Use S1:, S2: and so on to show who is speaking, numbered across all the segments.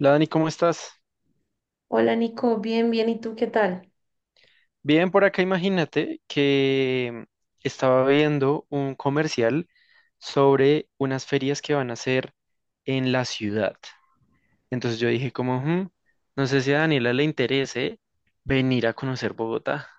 S1: Hola Dani, ¿cómo estás?
S2: Hola Nico, bien, bien, ¿y tú qué tal?
S1: Bien, por acá imagínate que estaba viendo un comercial sobre unas ferias que van a hacer en la ciudad. Entonces yo dije como, "Hmm, no sé si a Daniela le interese venir a conocer Bogotá".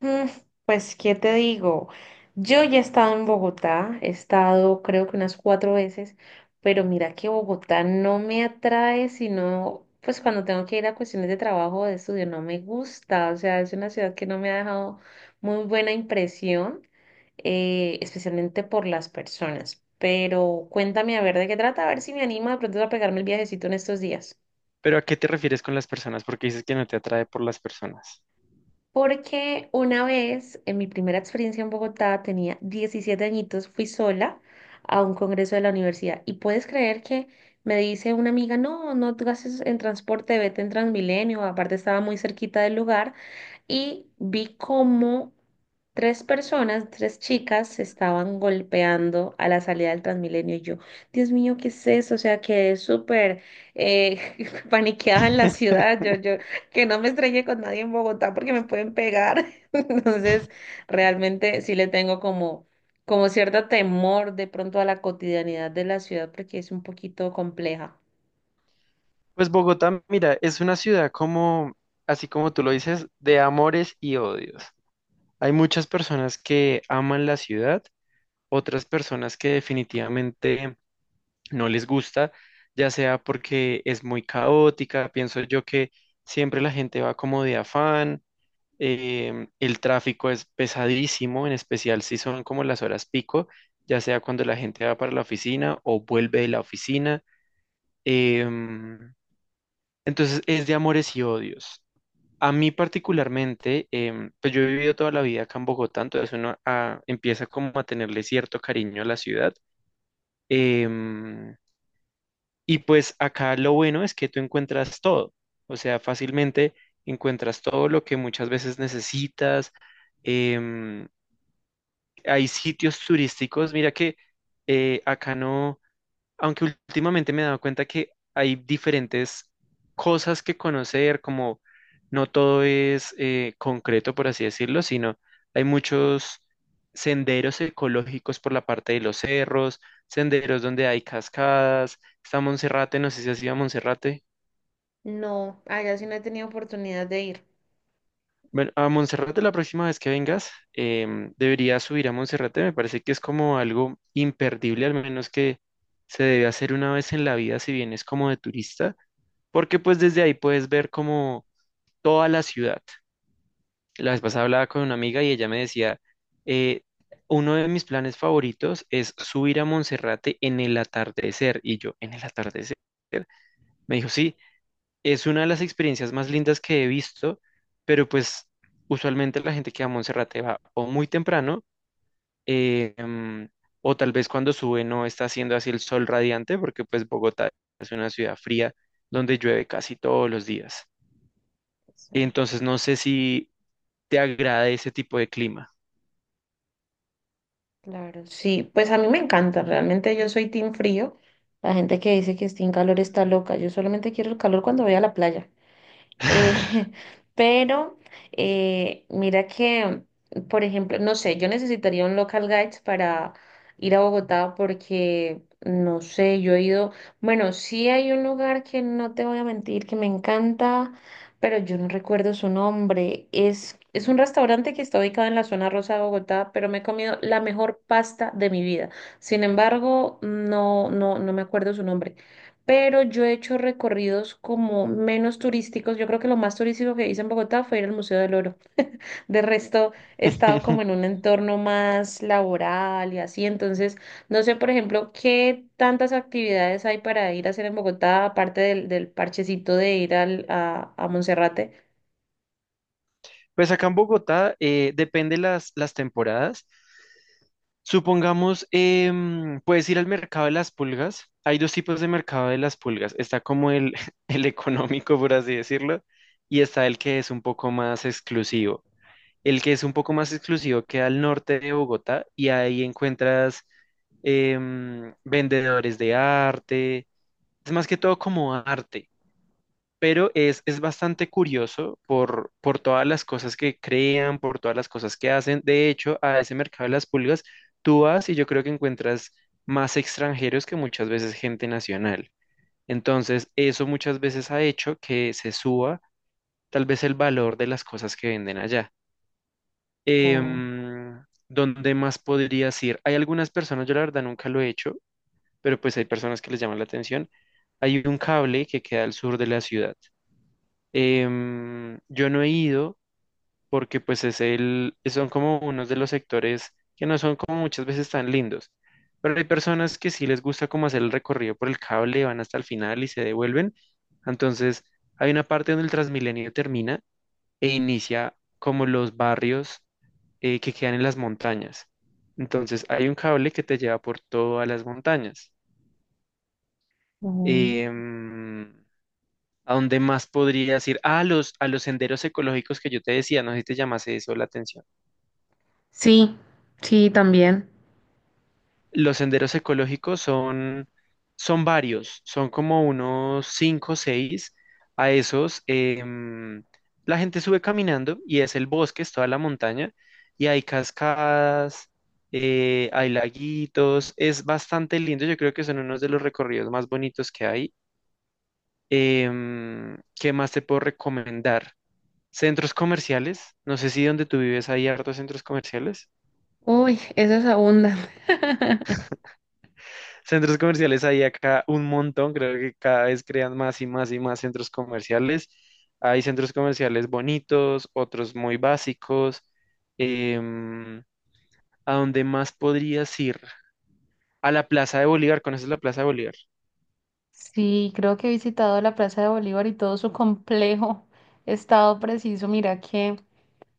S2: Mm, Pues, ¿qué te digo? Yo ya he estado en Bogotá, he estado creo que unas cuatro veces, pero mira que Bogotá no me atrae, sino pues cuando tengo que ir a cuestiones de trabajo o de estudio, no me gusta, o sea, es una ciudad que no me ha dejado muy buena impresión, especialmente por las personas. Pero cuéntame a ver de qué trata, a ver si me anima de pronto a pegarme el viajecito en estos días.
S1: Pero ¿a qué te refieres con las personas? Porque dices que no te atrae por las personas.
S2: Porque una vez, en mi primera experiencia en Bogotá, tenía 17 añitos, fui sola a un congreso de la universidad. Y puedes creer que me dice una amiga, no, no te gastes en transporte, vete en Transmilenio. Aparte estaba muy cerquita del lugar. Y vi como tres personas, tres chicas, se estaban golpeando a la salida del Transmilenio. Y yo, Dios mío, ¿qué es eso? O sea, quedé súper eh, paniqueada en la ciudad. Yo que no me estrelle con nadie en Bogotá porque me pueden pegar. Entonces, realmente sí le tengo como cierto temor de pronto a la cotidianidad de la ciudad porque es un poquito compleja.
S1: Pues Bogotá, mira, es una ciudad como, así como tú lo dices, de amores y odios. Hay muchas personas que aman la ciudad, otras personas que definitivamente no les gusta, ya sea porque es muy caótica, pienso yo que siempre la gente va como de afán, el tráfico es pesadísimo, en especial si son como las horas pico, ya sea cuando la gente va para la oficina o vuelve de la oficina. em, entonces es de amores y odios. A mí particularmente, pues yo he vivido toda la vida acá en Bogotá, entonces uno empieza como a tenerle cierto cariño a la ciudad. Em, y pues acá lo bueno es que tú encuentras todo, o sea, fácilmente encuentras todo lo que muchas veces necesitas. em, Hay sitios turísticos, mira que acá no, aunque últimamente me he dado cuenta que hay diferentes cosas que conocer, como no todo es concreto, por así decirlo, sino hay muchos senderos ecológicos por la parte de los cerros, senderos donde hay cascadas, está Monserrate, no sé si has ido a Monserrate.
S2: No, allá sí no he tenido oportunidad de ir.
S1: Bueno, a Monserrate la próxima vez que vengas, deberías subir a Monserrate, me parece que es como algo imperdible, al menos que se debe hacer una vez en la vida si vienes como de turista, porque pues desde ahí puedes ver como toda la ciudad. La vez pasada hablaba con una amiga y ella me decía, eh, uno de mis planes favoritos es subir a Monserrate en el atardecer. Y yo, ¿en el atardecer? Me dijo, sí, es una de las experiencias más lindas que he visto, pero pues usualmente la gente que va a Monserrate va o muy temprano, eh, em, o tal vez cuando sube no está haciendo así el sol radiante, porque pues Bogotá es una ciudad fría donde llueve casi todos los días.
S2: Eso,
S1: Entonces no sé si te agrada ese tipo de clima.
S2: claro. Sí, pues a mí me encanta, realmente yo soy team frío. La gente que dice que es team calor está loca. Yo solamente quiero el calor cuando voy a la playa. Eh, pero mira que, por ejemplo, no sé, yo necesitaría un local guides para ir a Bogotá porque, no sé, yo he ido, bueno, sí hay un lugar que no te voy a mentir, que me encanta, pero yo no recuerdo su nombre. Es un restaurante que está ubicado en la zona rosa de Bogotá, pero me he comido la mejor pasta de mi vida. Sin embargo, no, no, no me acuerdo su nombre, pero yo he hecho recorridos como menos turísticos. Yo creo que lo más turístico que hice en Bogotá fue ir al Museo del Oro. De resto, he estado como en un entorno más laboral y así. Entonces, no sé, por ejemplo, qué tantas actividades hay para ir a hacer en Bogotá, aparte del parchecito de ir a Monserrate.
S1: Pues acá en Bogotá depende las temporadas. Supongamos, puedes ir al mercado de las pulgas. Hay dos tipos de mercado de las pulgas. Está como el económico, por así decirlo, y está el que es un poco más exclusivo. El que es un poco más exclusivo queda al norte de Bogotá y ahí encuentras vendedores de arte. Es más que todo como arte. Pero es bastante curioso por todas las cosas que crean, por todas las cosas que hacen. De hecho, a ese mercado de las pulgas, tú vas y yo creo que encuentras más extranjeros que muchas veces gente nacional. Entonces, eso muchas veces ha hecho que se suba tal vez el valor de las cosas que venden allá.
S2: Oh.
S1: Em, ¿Dónde más podrías ir? Hay algunas personas, yo la verdad nunca lo he hecho, pero pues hay personas que les llaman la atención. Hay un cable que queda al sur de la ciudad. Yo no he ido porque pues es son como unos de los sectores que no son como muchas veces tan lindos, pero hay personas que sí les gusta como hacer el recorrido por el cable, van hasta el final y se devuelven. Entonces hay una parte donde el Transmilenio termina e inicia como los barrios que quedan en las montañas. Entonces hay un cable que te lleva por todas las montañas.
S2: o-
S1: Em, ¿A dónde más podrías ir? Ah, a los senderos ecológicos que yo te decía, no sé si te llamase eso la atención.
S2: Sí, sí, también.
S1: Los senderos ecológicos son, son varios, son como unos 5 o 6. A esos, la gente sube caminando y es el bosque, es toda la montaña, y hay cascadas, hay laguitos, es bastante lindo. Yo creo que son unos de los recorridos más bonitos que hay. ¿Qué más te puedo recomendar? Centros comerciales, no sé si donde tú vives hay hartos centros comerciales.
S2: Uy, eso es abundante.
S1: Centros comerciales hay acá un montón, creo que cada vez crean más y más y más centros comerciales. Hay centros comerciales bonitos, otros muy básicos. Em, ¿A dónde más podrías ir? A la Plaza de Bolívar, ¿conoces la Plaza de Bolívar?
S2: Sí, creo que he visitado la Plaza de Bolívar y todo su complejo estado preciso. Mira que,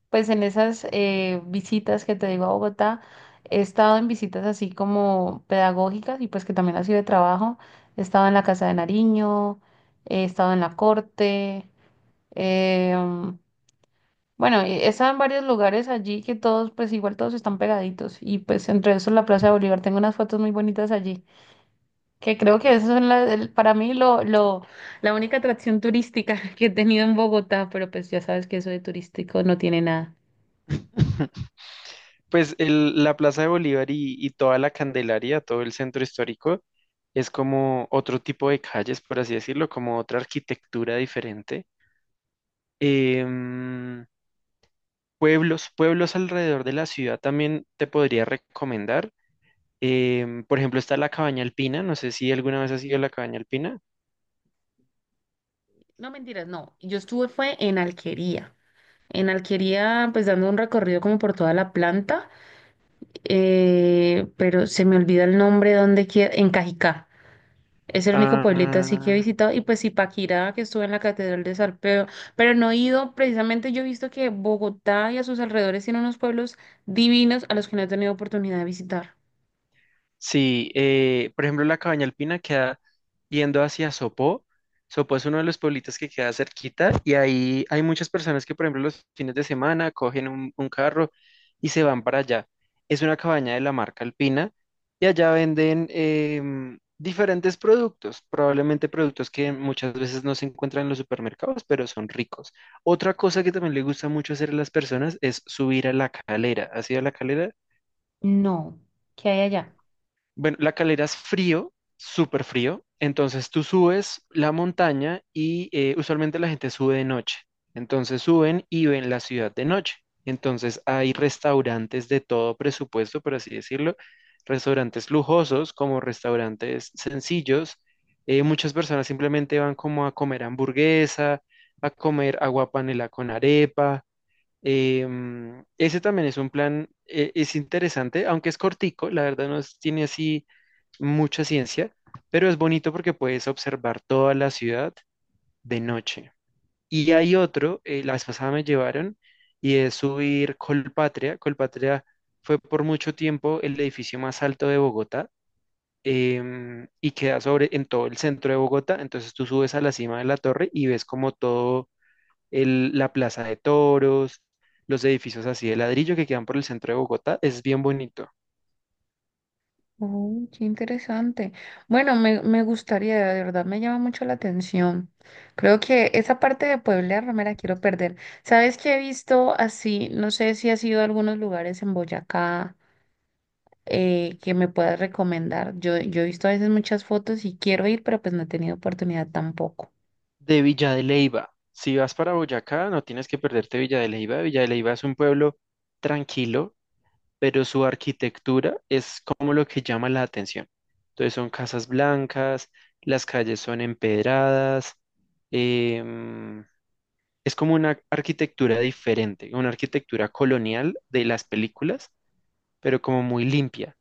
S2: pues en esas visitas que te digo a Bogotá, he estado en visitas así como pedagógicas y pues que también ha sido de trabajo. He estado en la Casa de Nariño, he estado en la Corte. eh, bueno, he estado en varios lugares allí que todos, pues igual todos están pegaditos. Y pues entre esos la Plaza de Bolívar, tengo unas fotos muy bonitas allí que creo que eso es para mí la única atracción turística que he tenido en Bogotá, pero pues ya sabes que eso de turístico no tiene nada.
S1: Pues el- la Plaza de Bolívar y toda la Candelaria, todo el centro histórico, es como otro tipo de calles, por así decirlo, como otra arquitectura diferente. Em, Pueblos, pueblos alrededor de la ciudad también te podría recomendar. Por ejemplo, está la Cabaña Alpina, no sé si alguna vez has ido a la Cabaña Alpina.
S2: No, mentiras, no. Yo estuve fue en Alquería. En Alquería, pues dando un recorrido como por toda la planta, pero se me olvida el nombre donde queda, en Cajicá. Es el único pueblito así que he
S1: Ah,
S2: visitado. Y pues sí, Paquirá, que estuve en la Catedral de Sarpeo, pero no he ido. Precisamente yo he visto que Bogotá y a sus alrededores tiene unos pueblos divinos a los que no he tenido oportunidad de visitar.
S1: sí, por ejemplo, la cabaña alpina queda yendo hacia Sopó. Sopó es uno de los pueblitos que queda cerquita y ahí hay muchas personas que, por ejemplo, los fines de semana cogen un carro y se van para allá. Es una cabaña de la marca Alpina y allá venden diferentes productos, probablemente productos que muchas veces no se encuentran en los supermercados, pero son ricos. Otra cosa que también le gusta mucho hacer a las personas es subir a la calera. ¿Has ido a la calera?
S2: No, ¿qué hay allá?
S1: Bueno, la calera es frío, súper frío. Entonces tú subes la montaña y usualmente la gente sube de noche. Entonces suben y ven la ciudad de noche. Entonces hay restaurantes de todo presupuesto, por así decirlo. Restaurantes lujosos como restaurantes sencillos. Muchas personas simplemente van como a comer hamburguesa, a comer agua panela con arepa. Ese también es un plan, es interesante, aunque es cortico, la verdad no es- tiene así mucha ciencia, pero es bonito porque puedes observar toda la ciudad de noche. Y hay otro, la vez pasada me llevaron, y es subir Colpatria. Colpatria fue por mucho tiempo el edificio más alto de Bogotá, y queda sobre en todo el centro de Bogotá. Entonces tú subes a la cima de la torre y ves como todo el- la plaza de toros, los edificios así de ladrillo que quedan por el centro de Bogotá. Es bien bonito.
S2: Oh, qué interesante. Bueno, me gustaría, de verdad, me llama mucho la atención. Creo que esa parte de Puebla no me la quiero perder. ¿Sabes qué he visto así? No sé si has ido a algunos lugares en Boyacá que me puedas recomendar. Yo he visto a veces muchas fotos y quiero ir, pero pues no he tenido oportunidad tampoco.
S1: De Villa de Leyva. Si vas para Boyacá, no tienes que perderte Villa de Leyva. Villa de Leyva es un pueblo tranquilo, pero su arquitectura es como lo que llama la atención. Entonces son casas blancas, las calles son empedradas, em, es como una arquitectura diferente, una arquitectura colonial de las películas, pero como muy limpia.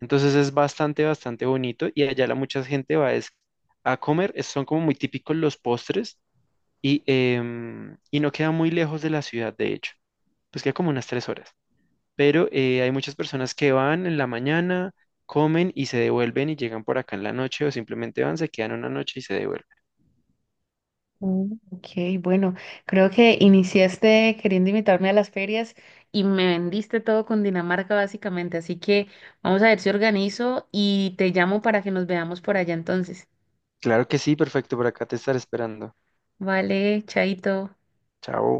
S1: Entonces es bastante, bastante bonito y allá la mucha gente va es a comer, es- son como muy típicos los postres y, y no queda muy lejos de la ciudad, de hecho, pues queda como unas 3 horas, pero hay muchas personas que van en la mañana, comen y se devuelven y llegan por acá en la noche o simplemente van, se quedan una noche y se devuelven.
S2: Mm, ok, bueno, creo que iniciaste queriendo invitarme a las ferias y me vendiste todo con Dinamarca básicamente, así que vamos a ver si organizo y te llamo para que nos veamos por allá entonces.
S1: Claro que sí, perfecto, por acá te estaré esperando.
S2: Vale, chaito.
S1: Chao.